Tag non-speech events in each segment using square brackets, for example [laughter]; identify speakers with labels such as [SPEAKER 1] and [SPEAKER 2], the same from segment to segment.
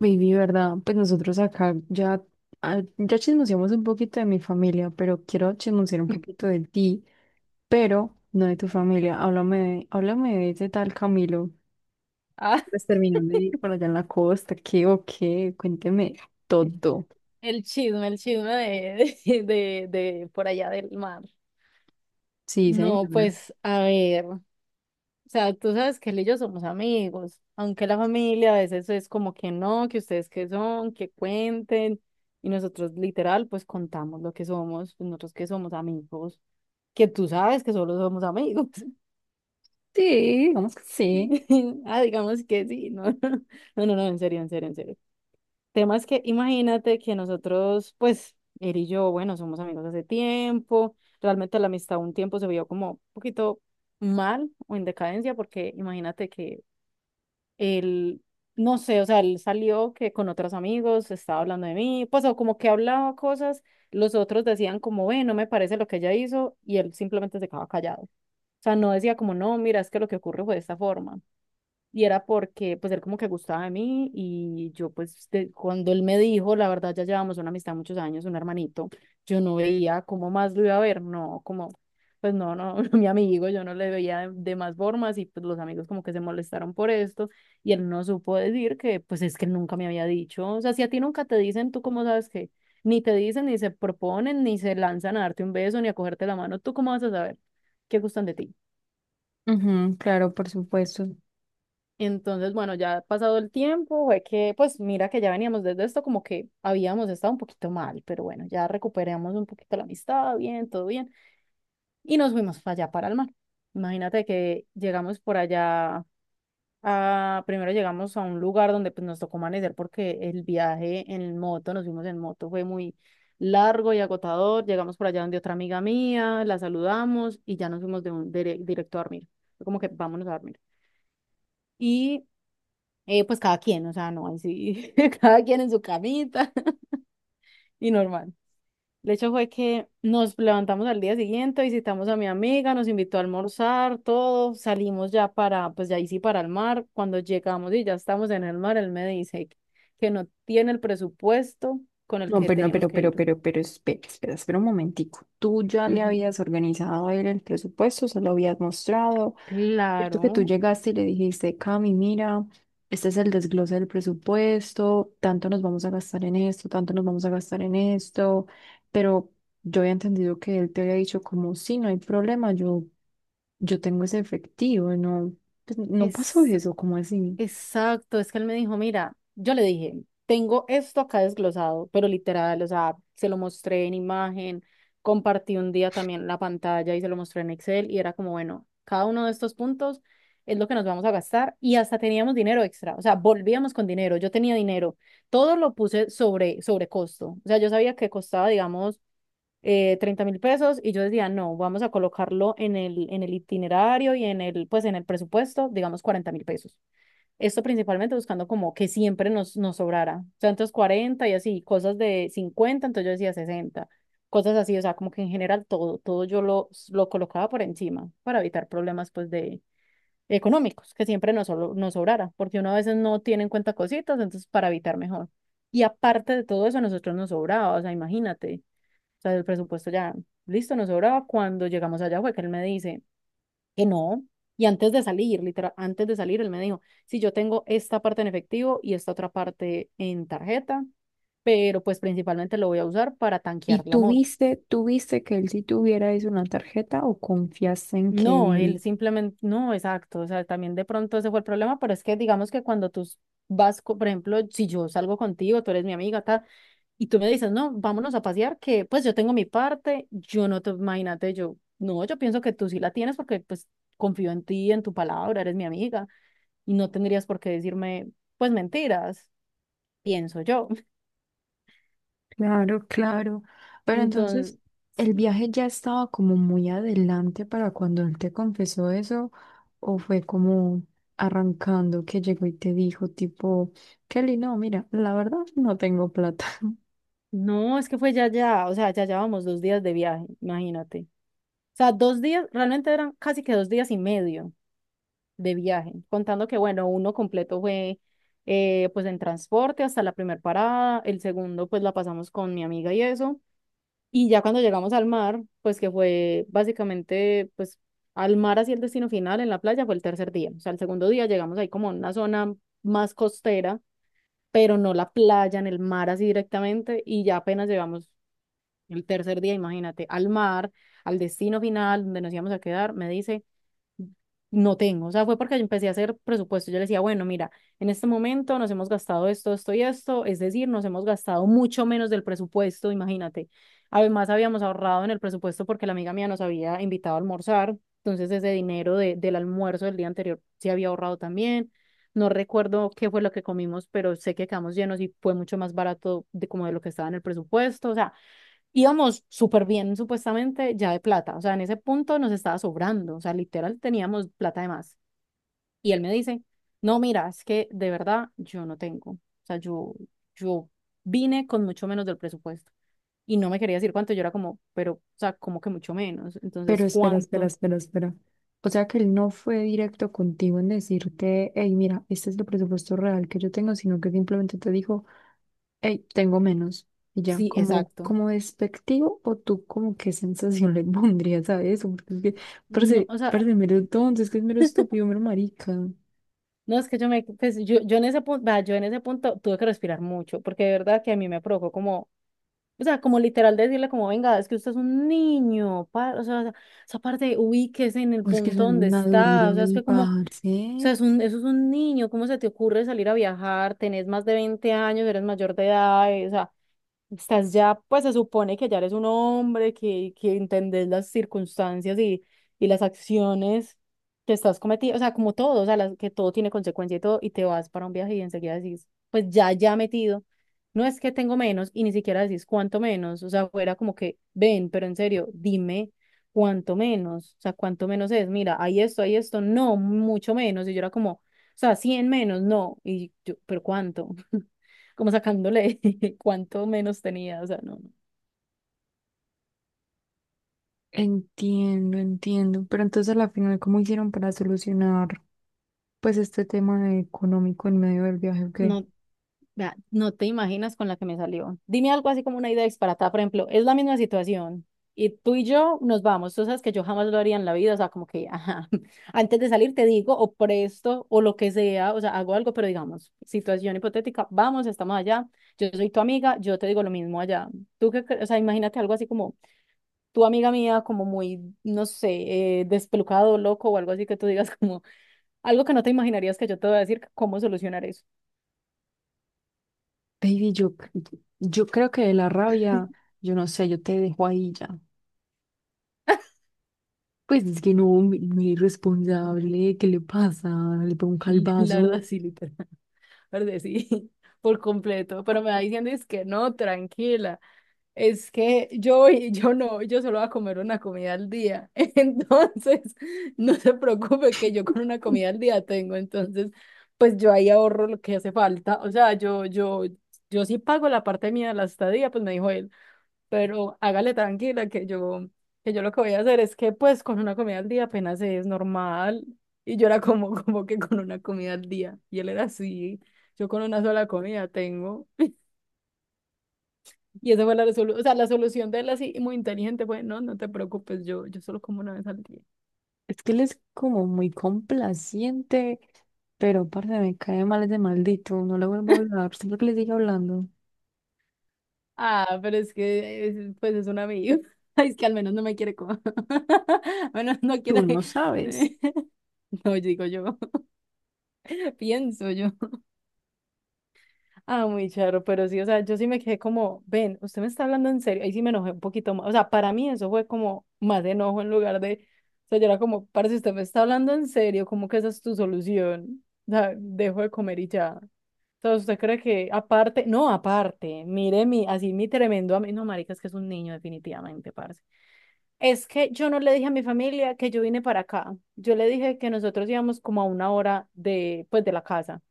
[SPEAKER 1] Baby, ¿verdad? Pues nosotros acá ya, ya chismoseamos un poquito de mi familia, pero quiero chismosear un poquito de ti, pero no de tu familia. Háblame de ese tal Camilo.
[SPEAKER 2] Ah,
[SPEAKER 1] Pues terminó de ir por allá en la costa, ¿qué o qué? Cuénteme todo.
[SPEAKER 2] el chisme de, [laughs] de por allá del mar.
[SPEAKER 1] Sí,
[SPEAKER 2] No,
[SPEAKER 1] señora.
[SPEAKER 2] pues, a ver, o sea, tú sabes que él y yo somos amigos, aunque la familia a veces es como que no, que ustedes qué son, que cuenten, y nosotros literal, pues contamos lo que somos, pues, nosotros que somos amigos, que tú sabes que solo somos amigos.
[SPEAKER 1] Sí, digamos que sí.
[SPEAKER 2] [laughs] Ah, digamos que sí, no, [laughs] no, no, no, en serio, en serio, en serio. Temas que imagínate que nosotros, pues, él y yo, bueno, somos amigos hace tiempo, realmente la amistad un tiempo se vio como un poquito mal o en decadencia, porque imagínate que él, no sé, o sea, él salió que con otros amigos estaba hablando de mí, pues, o como que hablaba cosas, los otros decían como, ve, no me parece lo que ella hizo, y él simplemente se quedaba callado. O sea, no decía como, no, mira, es que lo que ocurre fue de esta forma. Y era porque, pues, él como que gustaba de mí y yo, pues, cuando él me dijo, la verdad, ya llevamos una amistad muchos años, un hermanito, yo no veía cómo más lo iba a ver, no, como, pues, no, no, [laughs] no, mi amigo, yo no le veía de más formas y, pues, los amigos como que se molestaron por esto y él no supo decir que, pues, es que él nunca me había dicho, o sea, si a ti nunca te dicen, ¿tú cómo sabes que? Ni te dicen, ni se proponen, ni se lanzan a darte un beso, ni a cogerte la mano, ¿tú cómo vas a saber qué gustan de ti?
[SPEAKER 1] Ujú, claro, por supuesto.
[SPEAKER 2] Entonces, bueno, ya pasado el tiempo, fue que, pues mira que ya veníamos desde esto, como que habíamos estado un poquito mal, pero bueno, ya recuperamos un poquito la amistad, bien, todo bien, y nos fuimos para allá, para el mar. Imagínate que llegamos por allá, primero llegamos a un lugar donde pues nos tocó amanecer porque el viaje en moto, nos fuimos en moto, fue muy largo y agotador. Llegamos por allá donde otra amiga mía, la saludamos y ya nos fuimos de directo a dormir. Fue como que vámonos a dormir. Y pues cada quien, o sea, no, ahí sí, [laughs] cada quien en su camita [laughs] y normal. El hecho fue que nos levantamos al día siguiente, visitamos a mi amiga, nos invitó a almorzar, todo, salimos ya para, pues ya ahí sí para el mar. Cuando llegamos y ya estamos en el mar, él me dice que no tiene el presupuesto con el
[SPEAKER 1] No,
[SPEAKER 2] que
[SPEAKER 1] pero no,
[SPEAKER 2] teníamos
[SPEAKER 1] pero,
[SPEAKER 2] que
[SPEAKER 1] pero,
[SPEAKER 2] ir.
[SPEAKER 1] pero, pero, espera, espera, espera un momentico. ¿Tú ya le
[SPEAKER 2] Ujú.
[SPEAKER 1] habías organizado a él el presupuesto? ¿Se lo habías mostrado? Cierto que tú
[SPEAKER 2] Claro,
[SPEAKER 1] llegaste y le dijiste, Cami, mira, este es el desglose del presupuesto, tanto nos vamos a gastar en esto, tanto nos vamos a gastar en esto, pero yo había entendido que él te había dicho como, sí, no hay problema, yo tengo ese efectivo, no, pues, no pasó
[SPEAKER 2] es
[SPEAKER 1] eso, como así?
[SPEAKER 2] exacto, es que él me dijo, mira, yo le dije, tengo esto acá desglosado, pero literal, o sea, se lo mostré en imagen, compartí un día también la pantalla y se lo mostré en Excel y era como, bueno, cada uno de estos puntos es lo que nos vamos a gastar y hasta teníamos dinero extra, o sea, volvíamos con dinero, yo tenía dinero, todo lo puse sobre costo, o sea, yo sabía que costaba, digamos, 30 mil pesos y yo decía, no, vamos a colocarlo en el itinerario y en el, pues en el presupuesto, digamos, 40.000 pesos. Esto principalmente buscando como que siempre nos sobrara. O sea, entonces 40 y así, cosas de 50, entonces yo decía 60, cosas así, o sea, como que en general todo yo lo colocaba por encima para evitar problemas pues de económicos, que siempre nos sobrara, porque uno a veces no tiene en cuenta cositas, entonces para evitar mejor. Y aparte de todo eso, a nosotros nos sobraba, o sea, imagínate, o sea, el presupuesto ya, listo, nos sobraba. Cuando llegamos allá fue que él me dice, que no. Y antes de salir, literal, antes de salir, él me dijo, si yo tengo esta parte en efectivo y esta otra parte en tarjeta, pero pues principalmente lo voy a usar para
[SPEAKER 1] ¿Y
[SPEAKER 2] tanquear la moto.
[SPEAKER 1] tuviste, tuviste que él sí tuviera eso en la tarjeta o confiaste en que
[SPEAKER 2] No, él
[SPEAKER 1] él?
[SPEAKER 2] simplemente, no, exacto, o sea, también de pronto ese fue el problema, pero es que digamos que cuando tú vas, por ejemplo, si yo salgo contigo, tú eres mi amiga, tal, y tú me dices, no, vámonos a pasear, que pues yo tengo mi parte, yo no te, imagínate, yo, no, yo pienso que tú sí la tienes porque pues confío en ti, en tu palabra, eres mi amiga, y no tendrías por qué decirme, pues mentiras, pienso yo.
[SPEAKER 1] Claro, claro.
[SPEAKER 2] [laughs]
[SPEAKER 1] Pero entonces,
[SPEAKER 2] Entonces,
[SPEAKER 1] ¿el
[SPEAKER 2] sí.
[SPEAKER 1] viaje ya estaba como muy adelante para cuando él te confesó eso? ¿O fue como arrancando que llegó y te dijo tipo, Kelly, no, mira, la verdad no tengo plata?
[SPEAKER 2] No, es que fue ya, ya, o sea, ya llevamos 2 días de viaje, imagínate. O sea, 2 días, realmente eran casi que 2 días y medio de viaje, contando que, bueno, uno completo fue pues en transporte hasta la primera parada, el segundo pues la pasamos con mi amiga y eso. Y ya cuando llegamos al mar, pues que fue básicamente, pues al mar hacia el destino final en la playa fue el tercer día. O sea, el segundo día llegamos ahí como a una zona más costera, pero no la playa, en el mar así directamente. Y ya apenas llegamos el tercer día, imagínate, al mar, al destino final donde nos íbamos a quedar, me dice no tengo. O sea, fue porque yo empecé a hacer presupuesto. Yo le decía, bueno, mira, en este momento nos hemos gastado esto, esto y esto, es decir, nos hemos gastado mucho menos del presupuesto, imagínate. Además, habíamos ahorrado en el presupuesto porque la amiga mía nos había invitado a almorzar, entonces ese dinero del almuerzo del día anterior se había ahorrado también. No recuerdo qué fue lo que comimos, pero sé que quedamos llenos y fue mucho más barato de como de lo que estaba en el presupuesto. O sea, íbamos súper bien, supuestamente, ya de plata. O sea, en ese punto nos estaba sobrando. O sea, literal teníamos plata de más. Y él me dice, no, mira, es que de verdad yo no tengo. O sea, yo vine con mucho menos del presupuesto. Y no me quería decir cuánto. Yo era como, pero, o sea, como que mucho menos.
[SPEAKER 1] [laughs] Pero
[SPEAKER 2] Entonces,
[SPEAKER 1] espera, espera,
[SPEAKER 2] ¿cuánto?
[SPEAKER 1] espera, espera. O sea que él no fue directo contigo en decirte, hey, mira, este es el presupuesto real que yo tengo, sino que simplemente te dijo, ey, tengo menos. Y ya,
[SPEAKER 2] Sí,
[SPEAKER 1] como,
[SPEAKER 2] exacto.
[SPEAKER 1] como despectivo, o tú, ¿como qué sensación le [laughs] pondrías a eso? Porque es que
[SPEAKER 2] No,
[SPEAKER 1] parece,
[SPEAKER 2] o sea,
[SPEAKER 1] parece mero tonto, es que es mero estúpido, mero marica.
[SPEAKER 2] no es que yo en ese punto tuve que respirar mucho, porque de verdad que a mí me provocó como. O sea, como literal decirle como, venga, es que usted es un niño, o sea, esa parte ubíquese en el
[SPEAKER 1] O es que
[SPEAKER 2] punto
[SPEAKER 1] soy muy
[SPEAKER 2] donde está,
[SPEAKER 1] maduro
[SPEAKER 2] o sea, es
[SPEAKER 1] ahí,
[SPEAKER 2] que como, o sea,
[SPEAKER 1] parce.
[SPEAKER 2] es un, eso es un niño, ¿cómo se te ocurre salir a viajar? Tenés más de 20 años, eres mayor de edad, o sea, estás ya, pues se supone que ya eres un hombre, que entendés las circunstancias y las acciones que estás cometiendo, o sea, como todo, o sea, que todo tiene consecuencia y todo, y te vas para un viaje y enseguida decís, pues ya metido, no es que tengo menos y ni siquiera decís cuánto menos, o sea, fuera como que, ven, pero en serio, dime cuánto menos, o sea, cuánto menos es, mira, hay esto, no, mucho menos, y yo era como, o sea, 100 menos, no, y yo, pero cuánto como sacándole [laughs] cuánto menos tenía, o sea, no,
[SPEAKER 1] Entiendo, entiendo. Pero entonces, a la final, ¿cómo hicieron para solucionar, pues, este tema económico en medio del viaje? ¿O qué?
[SPEAKER 2] no, no, vea, no te imaginas con la que me salió. Dime algo así como una idea disparatada, por ejemplo, es la misma situación y tú y yo nos vamos, tú sabes que yo jamás lo haría en la vida, o sea, como que, ajá, [laughs] antes de salir te digo o presto o lo que sea, o sea, hago algo, pero digamos, situación hipotética, vamos, estamos allá, yo soy tu amiga, yo te digo lo mismo allá. Tú que, o sea, imagínate algo así como tu amiga mía, como muy, no sé, despelucado, loco o algo así que tú digas como algo que no te imaginarías que yo te voy a decir cómo solucionar eso.
[SPEAKER 1] Baby, yo creo que de la rabia, yo no sé, yo te dejo ahí ya. Pues es que no, muy irresponsable, ¿qué le pasa? Le pego un
[SPEAKER 2] Y [laughs] la verdad,
[SPEAKER 1] calvazo.
[SPEAKER 2] sí, literal. [laughs] La verdad, sí, [laughs] por completo. Pero me va diciendo es que no, tranquila. Es que yo, [laughs] yo no, yo solo voy a comer una comida al día. [laughs] Entonces, no se preocupe que yo con una comida al día tengo. Entonces, pues yo ahí ahorro lo que hace falta. O sea, yo sí pago la parte mía de la estadía, pues me dijo él, pero hágale tranquila que yo lo que voy a hacer es que pues con una comida al día apenas es normal. Y yo era como, [laughs] como que con una comida al día. Y él era así, yo con una sola comida tengo. [laughs] Y esa fue la resolución, o sea, la solución de él así muy inteligente fue, no, no te preocupes, yo solo como una vez al día.
[SPEAKER 1] Es que él es como muy complaciente, pero parce, me cae mal ese maldito. No le vuelvo a hablar. Siempre que le sigue hablando.
[SPEAKER 2] Ah, pero pues es un amigo. [laughs] Ay, es que al menos no me quiere comer. [laughs] Bueno, no
[SPEAKER 1] Tú
[SPEAKER 2] quiere.
[SPEAKER 1] no sabes.
[SPEAKER 2] [laughs] No, digo yo, [laughs] pienso yo. Ah, muy charro, pero sí, o sea, yo sí me quedé como, ven, usted me está hablando en serio, ahí sí me enojé un poquito más, o sea, para mí eso fue como más enojo en lugar de, o sea, yo era como, parce, usted me está hablando en serio, ¿cómo que esa es tu solución? O sea, dejo de comer y ya. Entonces, usted cree que aparte, no, aparte, mire mi, así mi tremendo amigo, no, marica, es que es un niño definitivamente, parce. Es que yo no le dije a mi familia que yo vine para acá, yo le dije que nosotros íbamos como a una hora de, pues, de la casa.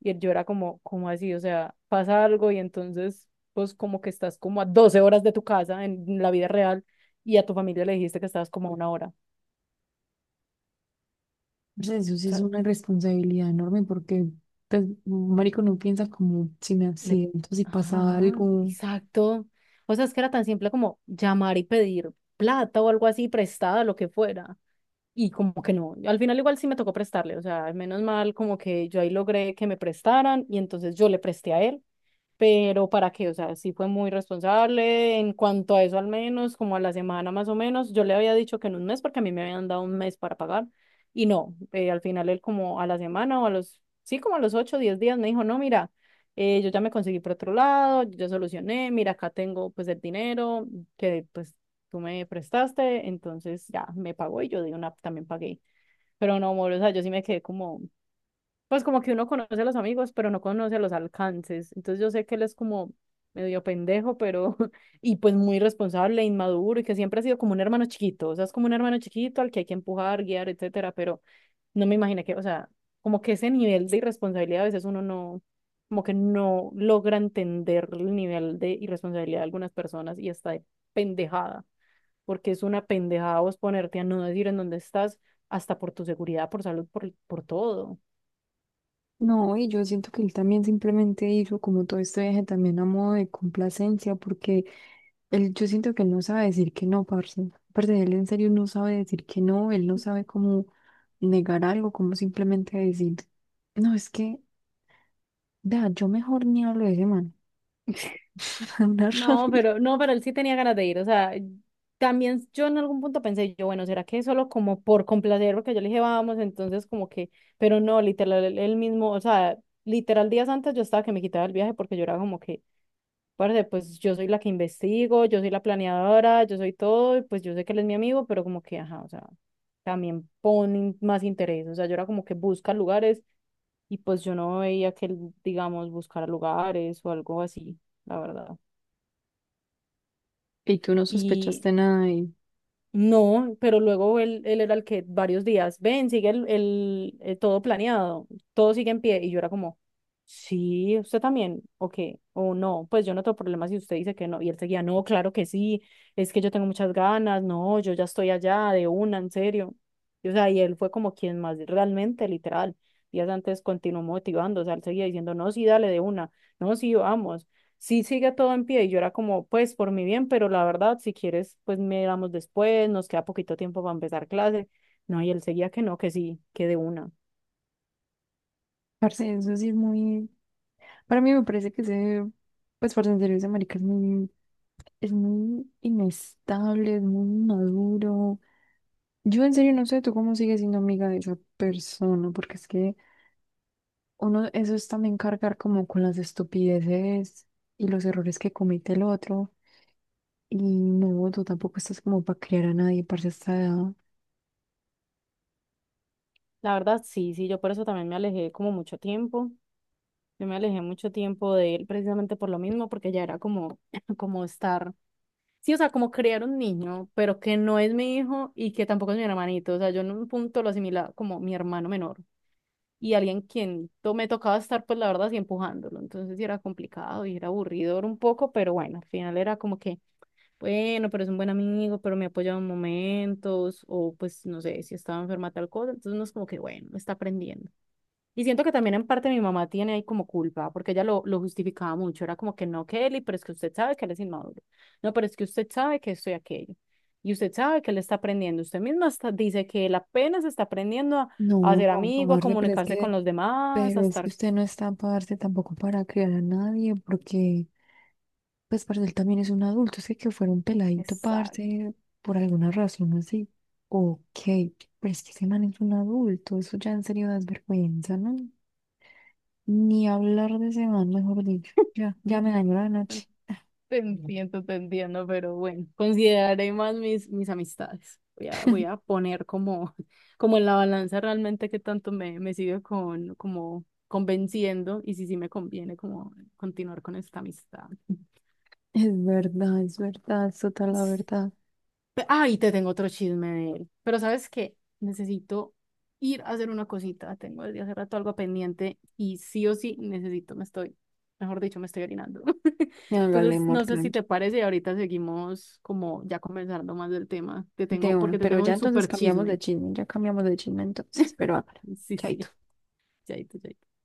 [SPEAKER 2] Yo era como, ¿cómo así? O sea, pasa algo y entonces, pues como que estás como a 12 horas de tu casa en la vida real y a tu familia le dijiste que estabas como a una hora. O
[SPEAKER 1] Pues eso sí es
[SPEAKER 2] sea,
[SPEAKER 1] una irresponsabilidad enorme porque pues, un marico no piensa como si me
[SPEAKER 2] le...
[SPEAKER 1] accidento, si pasa
[SPEAKER 2] Ajá,
[SPEAKER 1] algo.
[SPEAKER 2] exacto. O sea, es que era tan simple como llamar y pedir plata o algo así, prestada, lo que fuera. Y como que no, al final igual sí me tocó prestarle, o sea, menos mal como que yo ahí logré que me prestaran y entonces yo le presté a él, pero para qué, o sea, sí fue muy responsable en cuanto a eso al menos, como a la semana más o menos, yo le había dicho que en un mes porque a mí me habían dado un mes para pagar y no, al final él como a la semana o a los, sí, como a los ocho, diez días me dijo, no, mira, yo ya me conseguí por otro lado, yo ya solucioné, mira, acá tengo pues el dinero que pues tú me prestaste, entonces ya me pagó y yo de una también pagué, pero no, amor, o sea, yo sí me quedé como... Pues como que uno conoce a los amigos, pero no conoce los alcances. Entonces yo sé que él es como medio pendejo, pero [laughs] y pues muy responsable, inmaduro y que siempre ha sido como un hermano chiquito. O sea, es como un hermano chiquito al que hay que empujar, guiar, etcétera. Pero no me imaginé que, o sea, como que ese nivel de irresponsabilidad a veces uno no, como que no logra entender el nivel de irresponsabilidad de algunas personas y está de pendejada, porque es una pendejada vos ponerte a no decir en dónde estás, hasta por tu seguridad, por salud, por todo.
[SPEAKER 1] No, y yo siento que él también simplemente hizo como todo este viaje también a modo de complacencia, porque él, yo siento que él no sabe decir que no, parce. Parce, él en serio no sabe decir que no, él no sabe cómo negar algo, cómo simplemente decir, no, es que, vea, yo mejor ni hablo de ese man. [laughs] Me da una
[SPEAKER 2] No,
[SPEAKER 1] rabia.
[SPEAKER 2] pero no, pero él sí tenía ganas de ir. O sea, también yo en algún punto pensé, yo, bueno, ¿será que solo como por complacer? Porque yo le dije, vamos, entonces como que, pero no, literal, él mismo, o sea, literal días antes yo estaba que me quitaba el viaje porque yo era como que, parce, pues yo soy la que investigo, yo soy la planeadora, yo soy todo, y pues yo sé que él es mi amigo, pero como que, ajá, o sea, también ponen más interés. O sea, yo era como que busca lugares y pues yo no veía que él, digamos, buscara lugares o algo así, la verdad.
[SPEAKER 1] Y tú no
[SPEAKER 2] Y
[SPEAKER 1] sospechaste nada y,
[SPEAKER 2] no, pero luego él era el que varios días, ven, sigue todo planeado, todo sigue en pie. Y yo era como, sí, usted también, o qué, o no, pues yo no tengo problema si usted dice que no. Y él seguía, no, claro que sí, es que yo tengo muchas ganas, no, yo ya estoy allá de una, en serio. Y, o sea, y él fue como quien más realmente, literal, días antes continuó motivando, o sea, él seguía diciendo, no, sí, dale de una, no, sí, vamos, sí sigue todo en pie y yo era como, pues por mi bien, pero la verdad, si quieres, pues miramos después, nos queda poquito tiempo para empezar clase. No, y él seguía que no, que sí, que de una.
[SPEAKER 1] parce, eso sí es muy, para mí me parece que ese, pues, parce, en serio, ese marica es muy inestable, es muy maduro. Yo en serio no sé tú cómo sigues siendo amiga de esa persona, porque es que... Uno, eso es también cargar como con las estupideces y los errores que comete el otro. Y no, tú tampoco estás como para criar a nadie, para esta edad.
[SPEAKER 2] La verdad, sí, sí, yo por eso también me alejé como mucho tiempo. Yo me alejé mucho tiempo de él precisamente por lo mismo, porque ya era como, [clears throat] [laughs] como estar, sí, o sea, como criar un niño, pero que no es mi hijo y que tampoco es mi hermanito. O sea, yo en un punto lo asimilaba como mi hermano menor. Y me tocaba estar, pues la verdad, así empujándolo. Entonces sí era complicado y era aburridor un poco, pero bueno, al final era como que, bueno, pero es un buen amigo, pero me ha apoyado en momentos, o pues no sé, si estaba enferma tal cosa. Entonces uno es como que, bueno, está aprendiendo. Y siento que también en parte mi mamá tiene ahí como culpa, porque ella lo justificaba mucho. Era como que no, Kelly, pero es que usted sabe que él es inmaduro. No, pero es que usted sabe que esto y aquello. Y usted sabe que él está aprendiendo. Usted misma hasta dice que él apenas está aprendiendo a,
[SPEAKER 1] No,
[SPEAKER 2] a ser
[SPEAKER 1] no, para
[SPEAKER 2] amigo, a
[SPEAKER 1] darse,
[SPEAKER 2] comunicarse con los demás, a
[SPEAKER 1] pero es que
[SPEAKER 2] estar...
[SPEAKER 1] usted no está para darse tampoco para criar a nadie, porque, pues, parce, él también es un adulto, es que fuera un peladito,
[SPEAKER 2] Exacto.
[SPEAKER 1] parce, por alguna razón así. Ok, pero es que ese man es un adulto, eso ya en serio da vergüenza, ¿no? Ni hablar de ese man, mejor dicho.
[SPEAKER 2] [laughs]
[SPEAKER 1] Ya, ya me dañó la
[SPEAKER 2] Bueno,
[SPEAKER 1] noche.
[SPEAKER 2] te entiendo, te entiendo, pero bueno, consideraré más mis amistades. Voy a poner como, [laughs] como en la balanza realmente que tanto me sigue como convenciendo y si sí me conviene como continuar con esta amistad.
[SPEAKER 1] Es verdad, es verdad, es total la verdad.
[SPEAKER 2] Ay, te tengo otro chisme de él. Pero ¿sabes qué? Necesito ir a hacer una cosita. Tengo desde hace rato algo pendiente y sí o sí necesito, mejor dicho, me estoy orinando. [laughs]
[SPEAKER 1] No, hágale,
[SPEAKER 2] Entonces,
[SPEAKER 1] amor,
[SPEAKER 2] no sé si
[SPEAKER 1] tranqui.
[SPEAKER 2] te parece y ahorita seguimos como ya conversando más del tema. Te
[SPEAKER 1] De
[SPEAKER 2] tengo,
[SPEAKER 1] uno.
[SPEAKER 2] porque te
[SPEAKER 1] Pero
[SPEAKER 2] tengo
[SPEAKER 1] ya
[SPEAKER 2] un
[SPEAKER 1] entonces
[SPEAKER 2] súper
[SPEAKER 1] cambiamos de
[SPEAKER 2] chisme.
[SPEAKER 1] chisme, ya cambiamos de chisme entonces, pero hágale.
[SPEAKER 2] Sí,
[SPEAKER 1] Chaito.
[SPEAKER 2] sí, chaito, chaito.